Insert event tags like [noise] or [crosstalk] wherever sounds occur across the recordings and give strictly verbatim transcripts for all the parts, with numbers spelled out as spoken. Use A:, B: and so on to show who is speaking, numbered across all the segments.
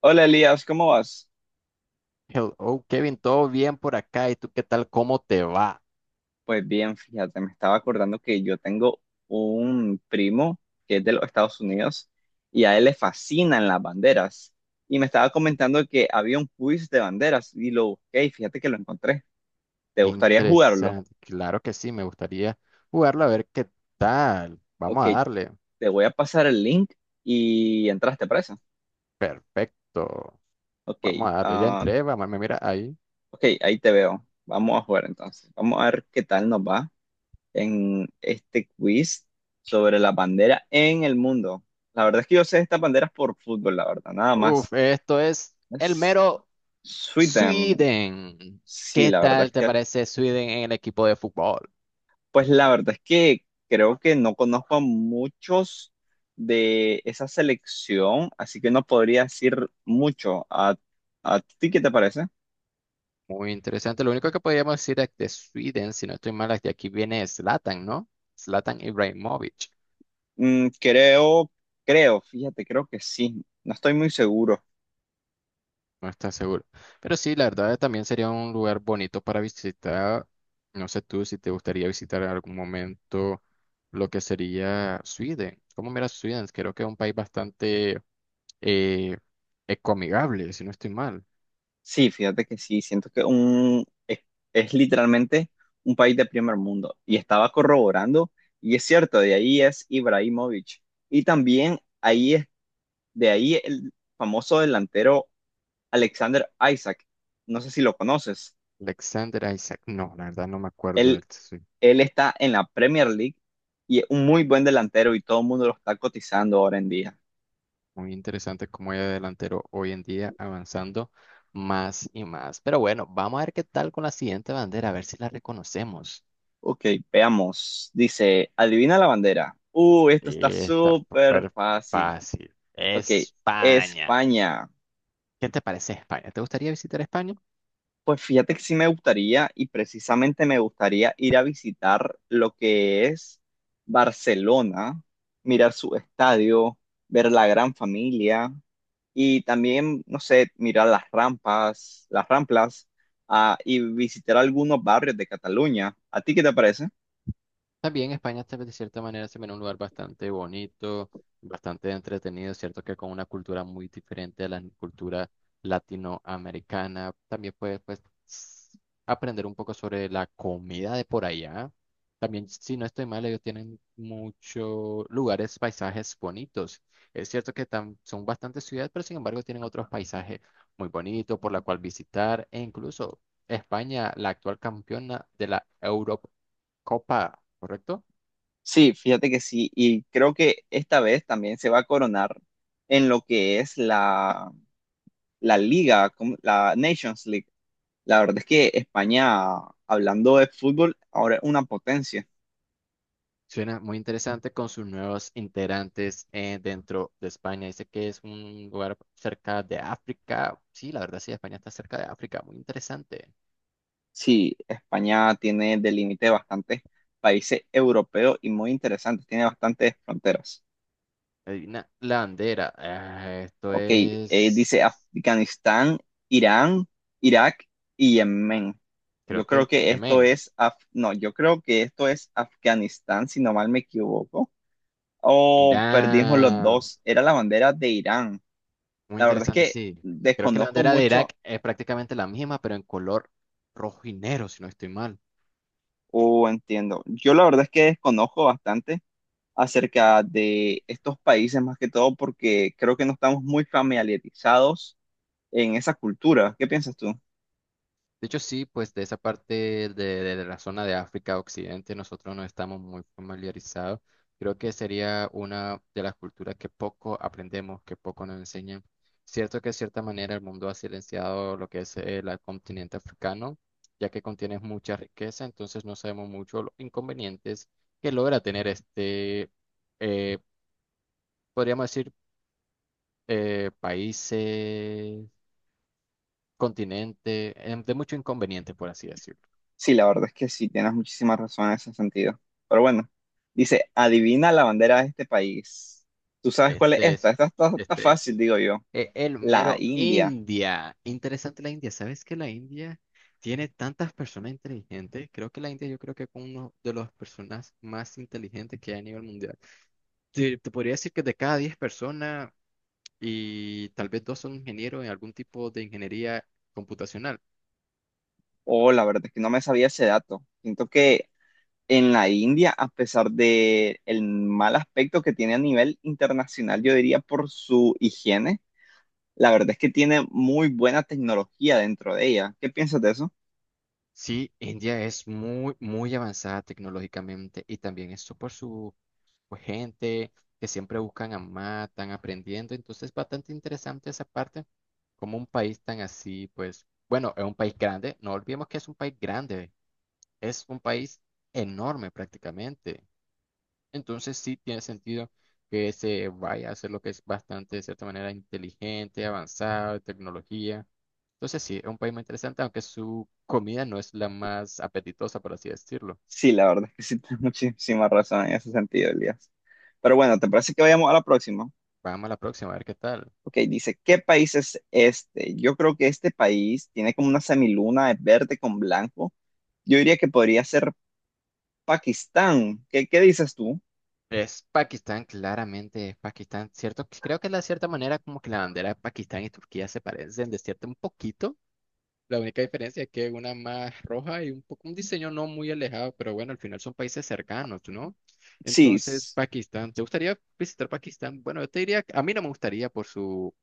A: Hola Elías, ¿cómo vas?
B: Hello, Kevin, ¿todo bien por acá? ¿Y tú qué tal? ¿Cómo te va?
A: Pues bien, fíjate, me estaba acordando que yo tengo un primo que es de los Estados Unidos y a él le fascinan las banderas. Y me estaba comentando que había un quiz de banderas y lo busqué y fíjate que lo encontré. ¿Te gustaría jugarlo?
B: Interesante. Claro que sí, me gustaría jugarlo a ver qué tal. Vamos
A: Ok,
B: a darle.
A: te voy a pasar el link y entraste preso.
B: Perfecto.
A: Ok,
B: Vamos a darle. Ya
A: ah,
B: entré, vamos, me mira ahí.
A: ok, ahí te veo. Vamos a jugar entonces. Vamos a ver qué tal nos va en este quiz sobre la bandera en el mundo. La verdad es que yo sé estas banderas por fútbol, la verdad, nada
B: Uf,
A: más.
B: esto es el
A: Es
B: mero
A: Sweden.
B: Sweden.
A: Sí,
B: ¿Qué
A: la verdad
B: tal
A: es
B: te
A: que,
B: parece Sweden en el equipo de fútbol?
A: pues la verdad es que creo que no conozco a muchos de esa selección, así que no podría decir mucho. ¿A, a ti qué te parece?
B: Muy interesante. Lo único que podríamos decir es de Sweden, si no estoy mal, es que aquí viene Zlatan, ¿no? Zlatan Ibrahimovic.
A: Mm, creo, creo, fíjate, creo que sí. No estoy muy seguro.
B: No está seguro. Pero sí, la verdad también sería un lugar bonito para visitar. No sé tú si te gustaría visitar en algún momento lo que sería Sweden. ¿Cómo miras Sweden? Creo que es un país bastante eh, ecoamigable, si no estoy mal.
A: Sí, fíjate que sí, siento que un, es, es literalmente un país de primer mundo. Y estaba corroborando, y es cierto, de ahí es Ibrahimovic. Y también ahí es, de ahí el famoso delantero Alexander Isaac. No sé si lo conoces.
B: Alexander Isaac. No, la verdad no me acuerdo de
A: Él,
B: él. Sí.
A: él está en la Premier League y es un muy buen delantero y todo el mundo lo está cotizando ahora en día.
B: Muy interesante cómo es delantero hoy en día avanzando más y más. Pero bueno, vamos a ver qué tal con la siguiente bandera, a ver si la reconocemos.
A: Ok, veamos. Dice, adivina la bandera. Uh,
B: Sí,
A: esto está
B: está
A: súper
B: súper
A: fácil.
B: fácil.
A: Ok,
B: España.
A: España.
B: ¿Qué te parece España? ¿Te gustaría visitar España?
A: Pues fíjate que sí me gustaría y precisamente me gustaría ir a visitar lo que es Barcelona, mirar su estadio, ver la gran familia y también, no sé, mirar las rampas, las ramplas, ah, y visitar algunos barrios de Cataluña. ¿A ti qué te parece?
B: También España está de cierta manera se ve un lugar bastante bonito, bastante entretenido, cierto que con una cultura muy diferente a la cultura latinoamericana. También puedes pues, s- aprender un poco sobre la comida de por allá. También, si no estoy mal, ellos tienen muchos lugares, paisajes bonitos. Es cierto que tam- son bastantes ciudades, pero sin embargo tienen otros paisajes muy bonitos por la cual visitar e incluso España, la actual campeona de la Europa. Copa, ¿correcto?
A: Sí, fíjate que sí y creo que esta vez también se va a coronar en lo que es la, la liga, como la Nations League. La verdad es que España, hablando de fútbol, ahora es una potencia.
B: Suena muy interesante con sus nuevos integrantes eh, dentro de España. Dice que es un lugar cerca de África. Sí, la verdad sí, España está cerca de África. Muy interesante.
A: Sí, España tiene de límite bastantes países europeos y muy interesantes, tiene bastantes fronteras.
B: Adivina la bandera. Ah, esto
A: Ok, eh, dice
B: es,
A: Afganistán, Irán, Irak y Yemen.
B: creo
A: Yo creo
B: que
A: que esto
B: Yemen,
A: es, Af- no, yo creo que esto es Afganistán, si no mal me equivoco. O perdimos los
B: Irán.
A: dos, era la bandera de Irán.
B: Muy
A: La verdad es
B: interesante,
A: que
B: sí. Creo que la
A: desconozco
B: bandera de
A: mucho.
B: Irak es prácticamente la misma, pero en color rojo y negro, si no estoy mal.
A: Oh, entiendo. Yo la verdad es que desconozco bastante acerca de estos países, más que todo porque creo que no estamos muy familiarizados en esa cultura. ¿Qué piensas tú?
B: De hecho, sí, pues de esa parte de, de la zona de África Occidente nosotros no estamos muy familiarizados. Creo que sería una de las culturas que poco aprendemos, que poco nos enseñan. Cierto que de cierta manera el mundo ha silenciado lo que es el continente africano, ya que contiene mucha riqueza, entonces no sabemos mucho los inconvenientes que logra tener este, eh, podríamos decir, eh, países, continente, eh, de mucho inconveniente, por así decirlo.
A: Sí, la verdad es que sí, tienes muchísima razón en ese sentido. Pero bueno, dice, adivina la bandera de este país. ¿Tú sabes cuál es
B: Este
A: esta?
B: es,
A: Esta está, está
B: este,
A: fácil, digo yo.
B: e- el
A: La
B: mero
A: India.
B: India. Interesante la India. ¿Sabes que la India tiene tantas personas inteligentes? Creo que la India yo creo que es uno de las personas más inteligentes que hay a nivel mundial. Te, te podría decir que de cada diez personas y tal vez dos son ingenieros en algún tipo de ingeniería computacional.
A: Oh, la verdad es que no me sabía ese dato. Siento que en la India, a pesar de el mal aspecto que tiene a nivel internacional, yo diría por su higiene, la verdad es que tiene muy buena tecnología dentro de ella. ¿Qué piensas de eso?
B: Sí, India es muy, muy avanzada tecnológicamente y también eso por su pues, gente que siempre buscan a más, están aprendiendo. Entonces, bastante interesante esa parte, como un país tan así, pues, bueno, es un país grande, no olvidemos que es un país grande, es un país enorme prácticamente. Entonces sí tiene sentido que se vaya a hacer lo que es bastante, de cierta manera, inteligente, avanzado, de tecnología. Entonces sí, es un país muy interesante, aunque su comida no es la más apetitosa, por así decirlo.
A: Sí, la verdad es que sí, [laughs] tienes muchísima razón en ese sentido, Elías. Pero bueno, ¿te parece que vayamos a la próxima?
B: Vamos a la próxima, a ver qué tal.
A: Ok, dice, ¿qué país es este? Yo creo que este país tiene como una semiluna de verde con blanco. Yo diría que podría ser Pakistán. ¿Qué, qué dices tú?
B: Es Pakistán, claramente es Pakistán, ¿cierto? Creo que de cierta manera como que la bandera de Pakistán y Turquía se parecen de cierto un poquito. La única diferencia es que una más roja y un poco un diseño no muy alejado, pero bueno, al final son países cercanos, ¿no?
A: Sí,
B: Entonces, Pakistán, ¿te gustaría visitar Pakistán? Bueno, yo te diría, que a mí no me gustaría por su,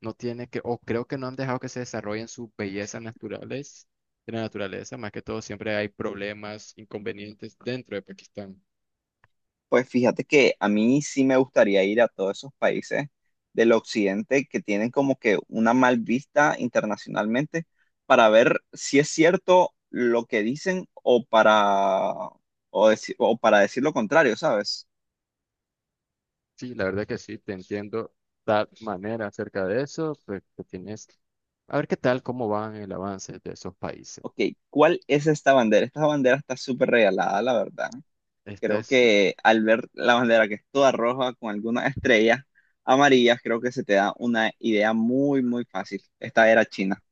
B: no tiene que, o creo que no han dejado que se desarrollen sus bellezas naturales, de la naturaleza, más que todo siempre hay problemas, inconvenientes dentro de Pakistán.
A: pues fíjate que a mí sí me gustaría ir a todos esos países del occidente que tienen como que una mal vista internacionalmente para ver si es cierto lo que dicen o para, o deci- o para decir lo contrario, ¿sabes?
B: Sí, la verdad que sí, te entiendo tal manera acerca de eso, pues que tienes... A ver qué tal, cómo van el avance de esos países.
A: Ok, ¿cuál es esta bandera? Esta bandera está súper regalada, la verdad.
B: Esta
A: Creo
B: es.
A: que al ver la bandera que es toda roja con algunas estrellas amarillas, creo que se te da una idea muy, muy fácil. Esta era China.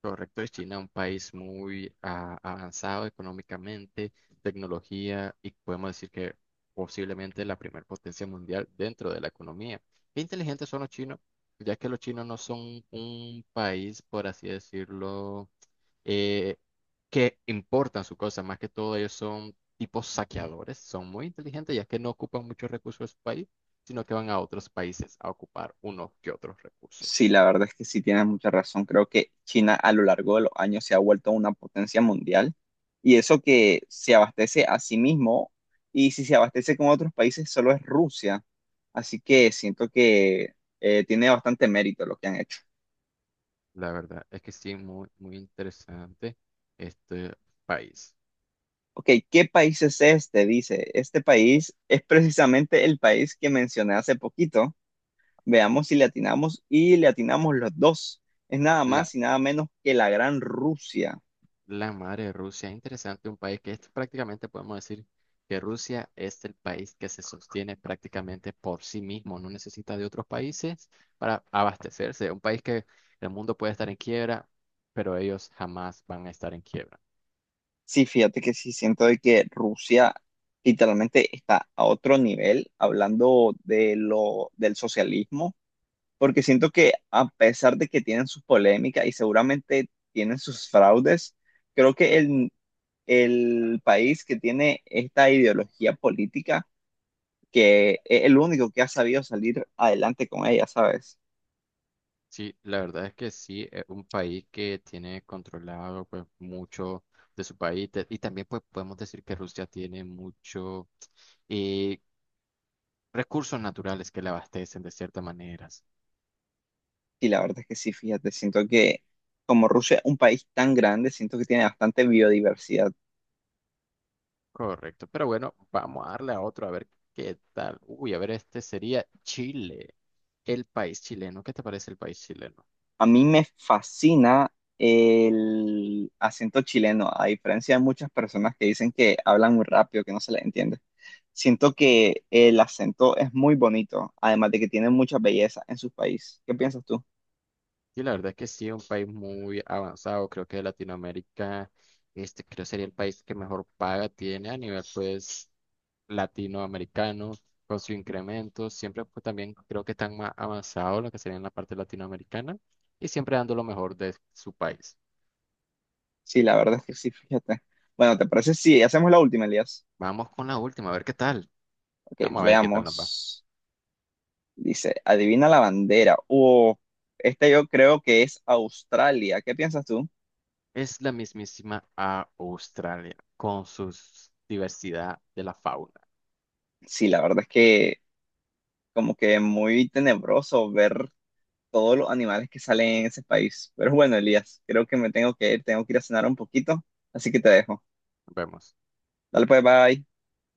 B: Correcto, es China un país muy ah, avanzado económicamente, tecnología y podemos decir que posiblemente la primer potencia mundial dentro de la economía. Qué inteligentes son los chinos, ya que los chinos no son un país, por así decirlo, eh, que importan su cosa, más que todo ellos son tipos saqueadores, son muy inteligentes ya que no ocupan muchos recursos de su país, sino que van a otros países a ocupar unos que otros
A: Sí,
B: recursos.
A: la verdad es que sí tienes mucha razón. Creo que China a lo largo de los años se ha vuelto una potencia mundial y eso que se abastece a sí mismo y si se abastece con otros países solo es Rusia. Así que siento que eh, tiene bastante mérito lo que han hecho.
B: La verdad es que sí, muy, muy interesante este país.
A: Ok, ¿qué país es este? Dice, este país es precisamente el país que mencioné hace poquito. Veamos si le atinamos y le atinamos los dos. Es nada
B: La,
A: más y nada menos que la Gran Rusia.
B: la madre de Rusia, es interesante un país que es prácticamente podemos decir que Rusia es el país que se sostiene prácticamente por sí mismo, no necesita de otros países para abastecerse. Un país que el mundo puede estar en quiebra, pero ellos jamás van a estar en quiebra.
A: Sí, fíjate que sí siento de que Rusia literalmente está a otro nivel hablando de lo del socialismo, porque siento que a pesar de que tienen sus polémicas y seguramente tienen sus fraudes, creo que el, el país que tiene esta ideología política, que es el único que ha sabido salir adelante con ella, ¿sabes?
B: Sí, la verdad es que sí, es un país que tiene controlado pues mucho de su país te- y también pues podemos decir que Rusia tiene mucho eh, recursos naturales que le abastecen de ciertas maneras.
A: Y la verdad es que sí, fíjate, siento que como Rusia es un país tan grande, siento que tiene bastante biodiversidad.
B: Correcto, pero bueno, vamos a darle a otro a ver qué tal. Uy, a ver, este sería Chile, el país chileno. ¿Qué te parece el país chileno?
A: A mí me fascina el acento chileno, a diferencia de muchas personas que dicen que hablan muy rápido, que no se les entiende. Siento que el acento es muy bonito, además de que tiene mucha belleza en su país. ¿Qué piensas tú?
B: Sí, la verdad es que sí, es un país muy avanzado, creo que de Latinoamérica, este creo sería el país que mejor paga tiene a nivel pues latinoamericanos con su incremento, siempre pues también creo que están más avanzados lo que sería en la parte latinoamericana y siempre dando lo mejor de su país.
A: Sí, la verdad es que sí, fíjate. Bueno, ¿te parece si hacemos la última, Elías?
B: Vamos con la última, a ver qué tal.
A: Ok,
B: Vamos a ver qué tal nos va.
A: veamos. Dice, adivina la bandera. Oh, este yo creo que es Australia. ¿Qué piensas tú?
B: Es la mismísima a Australia con su diversidad de la fauna.
A: Sí, la verdad es que como que muy tenebroso ver todos los animales que salen en ese país. Pero bueno, Elías, creo que me tengo que ir, tengo que ir a cenar un poquito, así que te dejo.
B: Nos vemos.
A: Dale pues, bye.